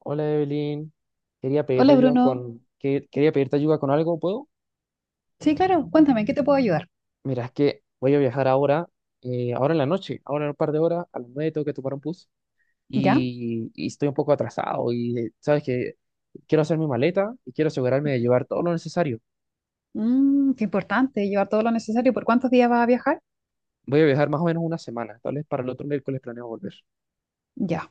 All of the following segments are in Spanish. Hola Evelyn, quería pedirte Hola ayuda Bruno. Quería pedirte ayuda con algo, ¿puedo? Sí, claro, cuéntame, ¿en qué te puedo ayudar? Mira, es que voy a viajar ahora, ahora en la noche, ahora en un par de horas, a las 9 tengo que tomar un bus ¿Ya? y estoy un poco atrasado y sabes que quiero hacer mi maleta y quiero asegurarme de llevar todo lo necesario. Mm, qué importante, llevar todo lo necesario. ¿Por cuántos días vas a viajar? Voy a viajar más o menos una semana, tal vez para el otro miércoles planeo volver. Ya,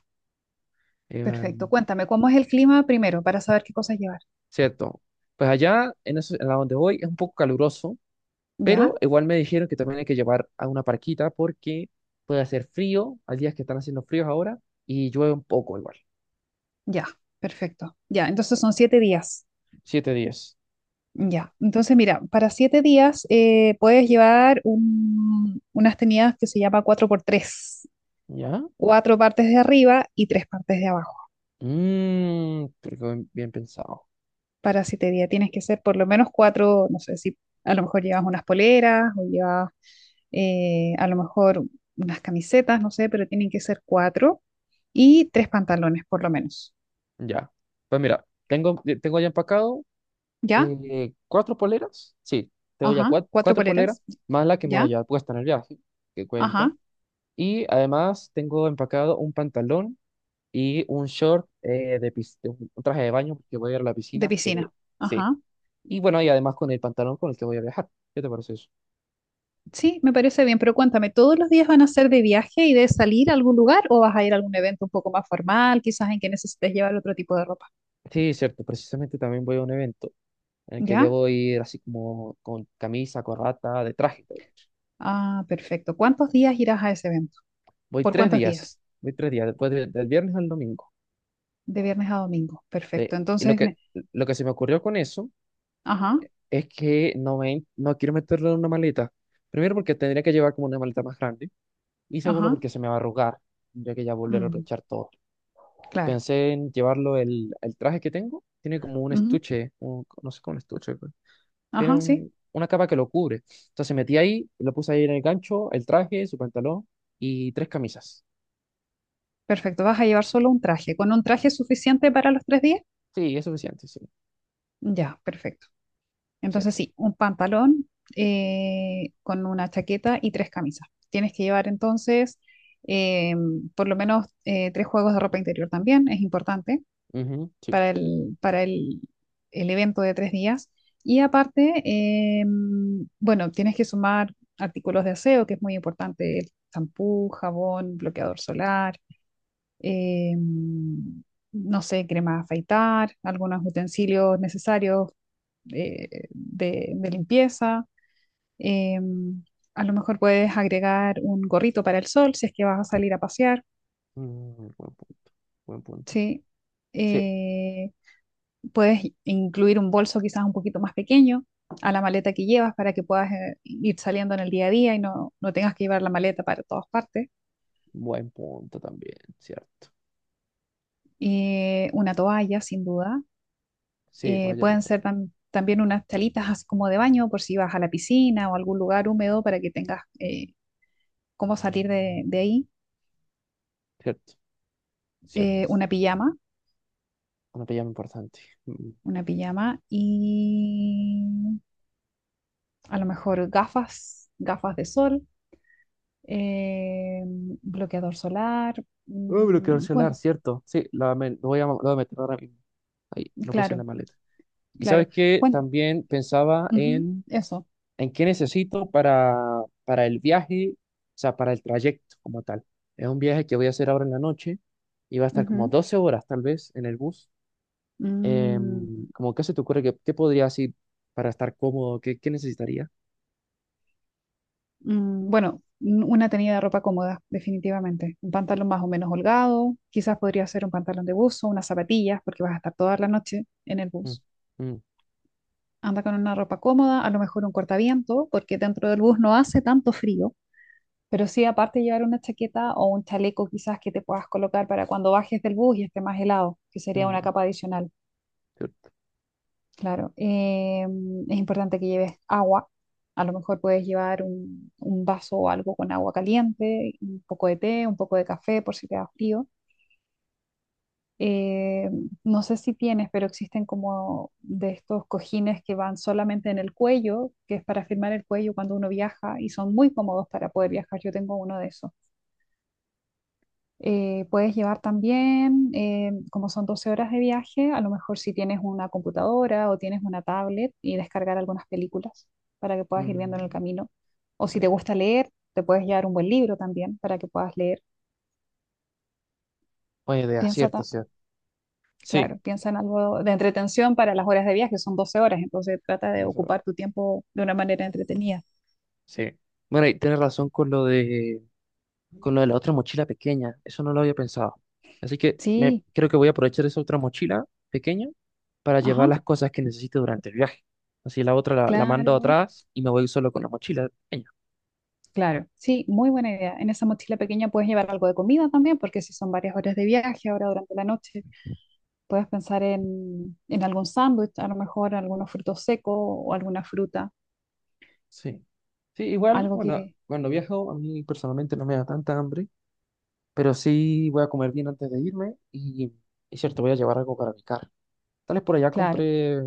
perfecto. Em, Cuéntame, ¿cómo es el clima primero para saber qué cosas llevar? Cierto. Pues allá, en la donde voy, es un poco caluroso. ¿Ya? Pero igual me dijeron que también hay que llevar a una parquita porque puede hacer frío, hay días que están haciendo fríos ahora, y llueve un poco igual. Ya, perfecto. Ya, entonces son 7 días. Siete días. Ya, entonces mira, para 7 días puedes llevar unas tenidas que se llama cuatro por tres, ¿Ya? cuatro partes de arriba y tres partes de abajo. Mmm, pero qué bien, bien pensado. Parasitería tienes que ser por lo menos cuatro, no sé si a lo mejor llevas unas poleras o llevas a lo mejor unas camisetas, no sé, pero tienen que ser cuatro y tres pantalones por lo menos. Ya. Pues mira, tengo, tengo ya empacado ¿Ya? Cuatro poleras. Sí, tengo ya Ajá, cuatro cuatro poleras, poleras. más la que me voy a ¿Ya? llevar puesta en el viaje, que cuenta. Ajá, Y además tengo empacado un pantalón y un short de un traje de baño porque voy a ir a la de piscina. Piscina. Sí. Ajá. Y bueno, y además con el pantalón con el que voy a viajar. ¿Qué te parece eso? Sí, me parece bien, pero cuéntame, ¿todos los días van a ser de viaje y de salir a algún lugar o vas a ir a algún evento un poco más formal, quizás en que necesites llevar otro tipo de ropa? Sí, cierto. Precisamente también voy a un evento en el que ¿Ya? debo ir así como con camisa, corbata, de traje. Ah, perfecto. ¿Cuántos días irás a ese evento? Voy ¿Por tres cuántos días. días? Voy tres días, del viernes al domingo. De viernes a domingo. Perfecto. Sí. Y Entonces, lo que se me ocurrió con eso ajá, es que no quiero meterlo en una maleta. Primero porque tendría que llevar como una maleta más grande. Y segundo ajá, porque se me va a arrugar. Tendría que ya volver a mm, aprovechar todo. claro. Pensé en llevarlo el traje que tengo. Tiene como un Ujú, estuche, no sé, cómo un estuche. Tiene ajá, sí. Una capa que lo cubre. Entonces metí ahí, lo puse ahí en el gancho, el traje, su pantalón y tres camisas. Perfecto. Vas a llevar solo un traje. ¿Con un traje es suficiente para los 3 días? Sí, es suficiente, sí. Ya, perfecto. Sí. Entonces, sí, un pantalón con una chaqueta y tres camisas. Tienes que llevar entonces eh, por lo menos tres juegos de ropa interior también, es importante. Ujú, sí, para sí. el, para el, el evento de 3 días. Y aparte, bueno, tienes que sumar artículos de aseo, que es muy importante, el champú, jabón, bloqueador solar, eh, no sé, crema de afeitar, algunos utensilios necesarios de limpieza. eh, a lo mejor puedes agregar un gorrito para el sol si es que vas a salir a pasear, Mm, buen punto, buen punto. ¿sí? Sí, Eh, Puedes incluir un bolso quizás un poquito más pequeño a la maleta que llevas para que puedas ir saliendo en el día a día y no, no tengas que llevar la maleta para todas partes. buen punto también, cierto. Una toalla, sin duda. Sí, vaya, Pueden ser también unas talitas así como de baño por si vas a la piscina o a algún lugar húmedo para que tengas cómo salir de ahí. cierto, Eh, cierto. una pijama, Una pijama importante. Mm. una pijama y a lo mejor gafas de sol, eh, bloqueador solar. Oh, bloqueador el celular, cierto. Sí, lo lo voy a meter ahora mismo. Ahí, lo puse en la Claro, maleta. Y sabes claro. que Bueno, también pensaba ujú, eso. en qué necesito para el viaje, o sea, para el trayecto como tal. Es un viaje que voy a hacer ahora en la noche y va a estar como Ujú. 12 horas tal vez en el bus. Mm, Como, ¿qué se te ocurre? ¿Qué, qué podría así para estar cómodo? ¿Qué, qué necesitaría? Bueno, una tenida de ropa cómoda, definitivamente. Un pantalón más o menos holgado, quizás podría ser un pantalón de buzo, unas zapatillas, porque vas a estar toda la noche en el Mm, bus. mm, Anda con una ropa cómoda, a lo mejor un cortaviento, porque dentro del bus no hace tanto frío, pero sí aparte llevar una chaqueta o un chaleco quizás que te puedas colocar para cuando bajes del bus y esté más helado, que sería una mm, capa adicional. pero, Claro, es importante que lleves agua. A lo mejor puedes llevar un vaso o algo con agua caliente, un poco de té, un poco de café por si te da frío. Eh, no sé si tienes, pero existen como de estos cojines que van solamente en el cuello, que es para firmar el cuello cuando uno viaja y son muy cómodos para poder viajar. Yo tengo uno de esos. Puedes llevar también, como son 12 horas de viaje, a lo mejor si tienes una computadora o tienes una tablet y descargar algunas películas para que puedas ir viendo en el mm, camino. O si buena te idea. gusta leer, te puedes llevar un buen libro también para que puedas leer. Buena idea, Piensa, cierto, ta- cierto. Sí, claro, piensa en algo de entretención para las horas de viaje, son 12 horas, entonces trata de vamos a ver. ocupar tu tiempo de una manera entretenida. Sí. Bueno, y tienes razón con lo de la otra mochila pequeña. Eso no lo había pensado. Así que me, Sí, creo que voy a aprovechar esa otra mochila pequeña para ajá, llevar las cosas que necesite durante el viaje. Así la mando claro. atrás y me voy solo con la mochila pequeña. Claro, sí, muy buena idea. En esa mochila pequeña puedes llevar algo de comida también, porque si son varias horas de viaje ahora durante la noche, puedes pensar en algún sándwich, a lo mejor algunos frutos secos o alguna fruta, Sí. Sí, igual, algo bueno, que, cuando viajo a mí personalmente no me da tanta hambre, pero sí voy a comer bien antes de irme y es cierto, voy a llevar algo para picar. Tal vez por allá claro, compré,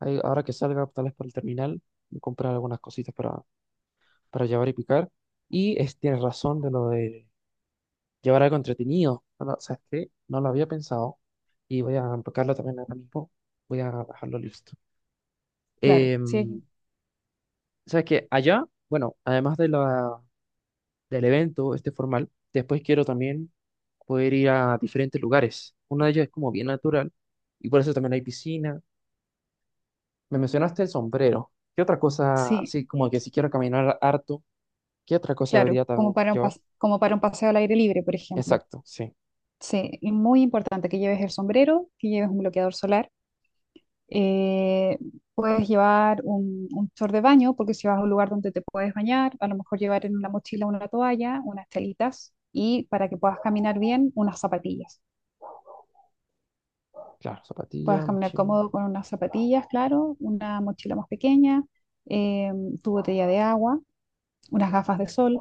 ahora que salga, tal vez por el terminal, voy a algunas cositas para llevar y picar. Y es, tienes razón de lo de llevar algo entretenido. ¿Sabes qué? No lo había pensado y voy a enfocarlo también ahora mismo. Voy a dejarlo listo. claro, sí, Em, ¿Sabes qué? Allá, bueno, además de del evento este formal, después quiero también poder ir a diferentes lugares. Uno de ellos es como bien natural y por eso también hay piscina. Me mencionaste el sombrero. ¿Qué otra cosa, sí, así como que si quiero caminar harto, qué otra cosa claro, debería también llevar? Como para un paseo al aire libre, por ejemplo. Exacto, sí. Sí, y muy importante que lleves el sombrero, que lleves un bloqueador solar. Eh, Puedes llevar un short de baño, porque si vas a un lugar donde te puedes bañar, a lo mejor llevar en una mochila una toalla, unas telitas y para que puedas caminar bien, unas zapatillas. Claro, Puedas zapatilla, caminar mochila. cómodo con unas zapatillas, claro, una mochila más pequeña, eh, tu botella de agua, unas gafas de sol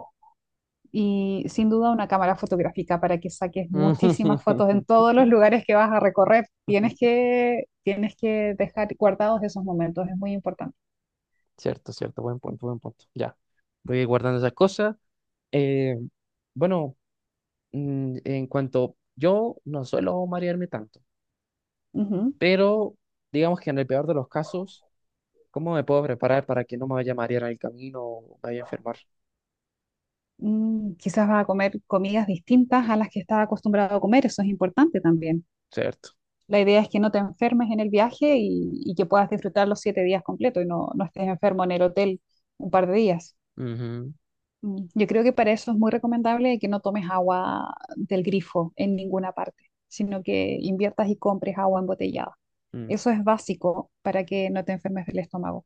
y sin duda una cámara fotográfica para que saques muchísimas fotos en todos los lugares que vas a recorrer. Tienes que dejar guardados esos momentos, es muy importante. Cierto, cierto, buen punto, buen punto. Ya, voy guardando esas cosas. Eh, bueno, en cuanto yo no suelo marearme tanto, Ujú. pero digamos que en el peor de los casos, ¿cómo me puedo preparar para que no me vaya a marear en el camino o me vaya a enfermar? Quizás va a comer comidas distintas a las que estaba acostumbrado a comer, eso es importante también. Cierto. La idea es que no te enfermes en el viaje y que puedas disfrutar los 7 días completos y no, no estés enfermo en el hotel un par de días. Ujú, Yo creo que para eso es muy recomendable que no tomes agua del grifo en ninguna parte, sino que inviertas y compres agua embotellada. mm, Eso es básico para que no te enfermes del estómago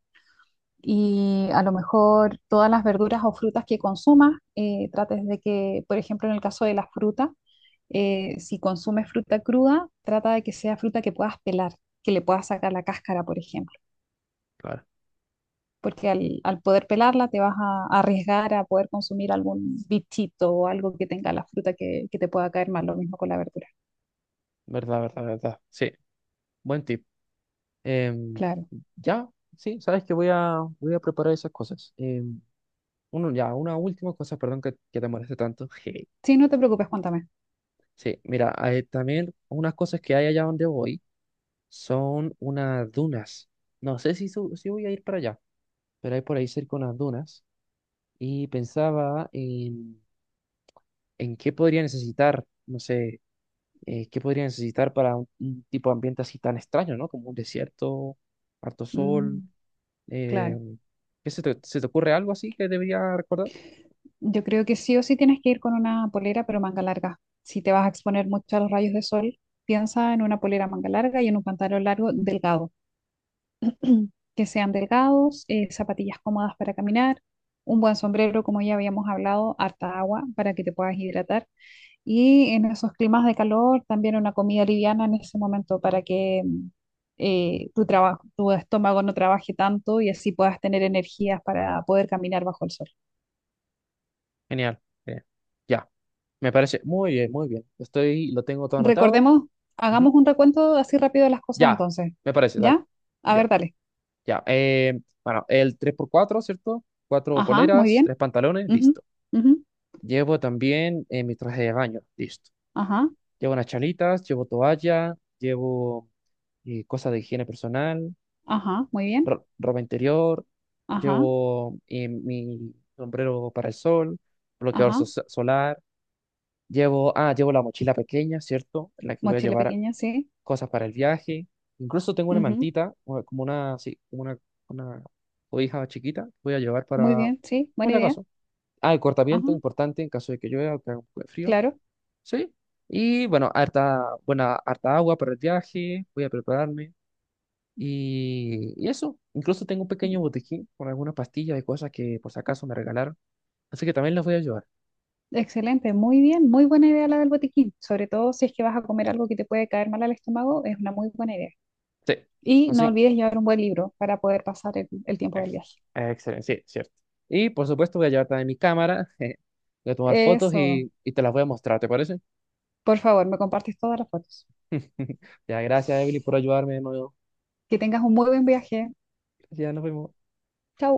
y a lo mejor todas las verduras o frutas que consumas, trates de que, por ejemplo, en el caso de las frutas, si consumes fruta cruda, trata de que sea fruta que puedas pelar, que le puedas sacar la cáscara, por ejemplo, claro, porque al poder pelarla te vas a arriesgar a poder consumir algún bichito o algo que tenga la fruta que te pueda caer mal, lo mismo con la verdura. verdad, verdad, verdad. Sí, buen tip. Em, Claro. ya, sí, sabes que voy a preparar esas cosas. Uno, ya, una última cosa, perdón que te moleste tanto. Sí, no te preocupes, cuéntame. Sí, mira, también unas cosas que hay allá donde voy son unas dunas. No sé si, su- Si voy a ir para allá, pero hay por ahí cerca unas dunas y pensaba en qué podría necesitar, no sé, qué podría necesitar para un tipo de ambiente así tan extraño, ¿no? Como un desierto, harto sol. Mm, eh, claro. ¿Qué se te ocurre algo así que debería recordar? Yo creo que sí o sí tienes que ir con una polera, pero manga larga. Si te vas a exponer mucho a los rayos de sol, piensa en una polera manga larga y en un pantalón largo delgado. Que sean delgados, zapatillas cómodas para caminar, un buen sombrero, como ya habíamos hablado, harta agua para que te puedas hidratar. Y en esos climas de calor, también una comida liviana en ese momento para que tu estómago no trabaje tanto y así puedas tener energías para poder caminar bajo el sol. Genial, genial. Ya, me parece muy bien, muy bien. Estoy, lo tengo todo anotado. Recordemos, Ujú. hagamos un recuento así rápido de las cosas Ya, entonces. me parece, dale. ¿Ya? A ver, Ya, dale. ya. Bueno, el tres por cuatro, cierto. Cuatro Ajá, muy poleras, bien. tres pantalones, Ujú, listo. ujú, Llevo también mi traje de baño, listo. ajá, Llevo unas chalitas, llevo toalla, llevo cosas de higiene personal, ajá, muy bien. Ropa interior, Ajá, llevo mi sombrero para el sol, bloqueador ajá. Solar, llevo, ah, llevo la mochila pequeña, ¿cierto? En la que voy a Mochila llevar pequeña, sí. cosas para el viaje. Incluso tengo una Ujú, mantita, como una, sí, como una cobija chiquita, que voy a llevar muy para, bien, sí. por Buena si idea. acaso. Ah, el Ajá, cortaviento, importante en caso de que llueva o que haga un poco de frío. claro. Sí. Y bueno, harta agua para el viaje, voy a prepararme. Y eso, incluso tengo un pequeño botiquín con algunas pastillas y cosas que por si acaso me regalaron. Así que también las voy a llevar. Excelente, muy bien. Muy buena idea la del botiquín. Sobre todo si es que vas a comer algo que te puede caer mal al estómago, es una muy buena idea. Sí. Y no Así olvides llevar un buen libro para poder pasar el tiempo del Ex- viaje. Excelente, sí, cierto. Y por supuesto voy a llevar también mi cámara, voy a tomar fotos Eso. Y te las voy a mostrar, ¿te parece? Por favor, me compartes todas las fotos. Ya, gracias Emily por ayudarme de nuevo. Que tengas un muy buen viaje. Ya nos vemos. Chao.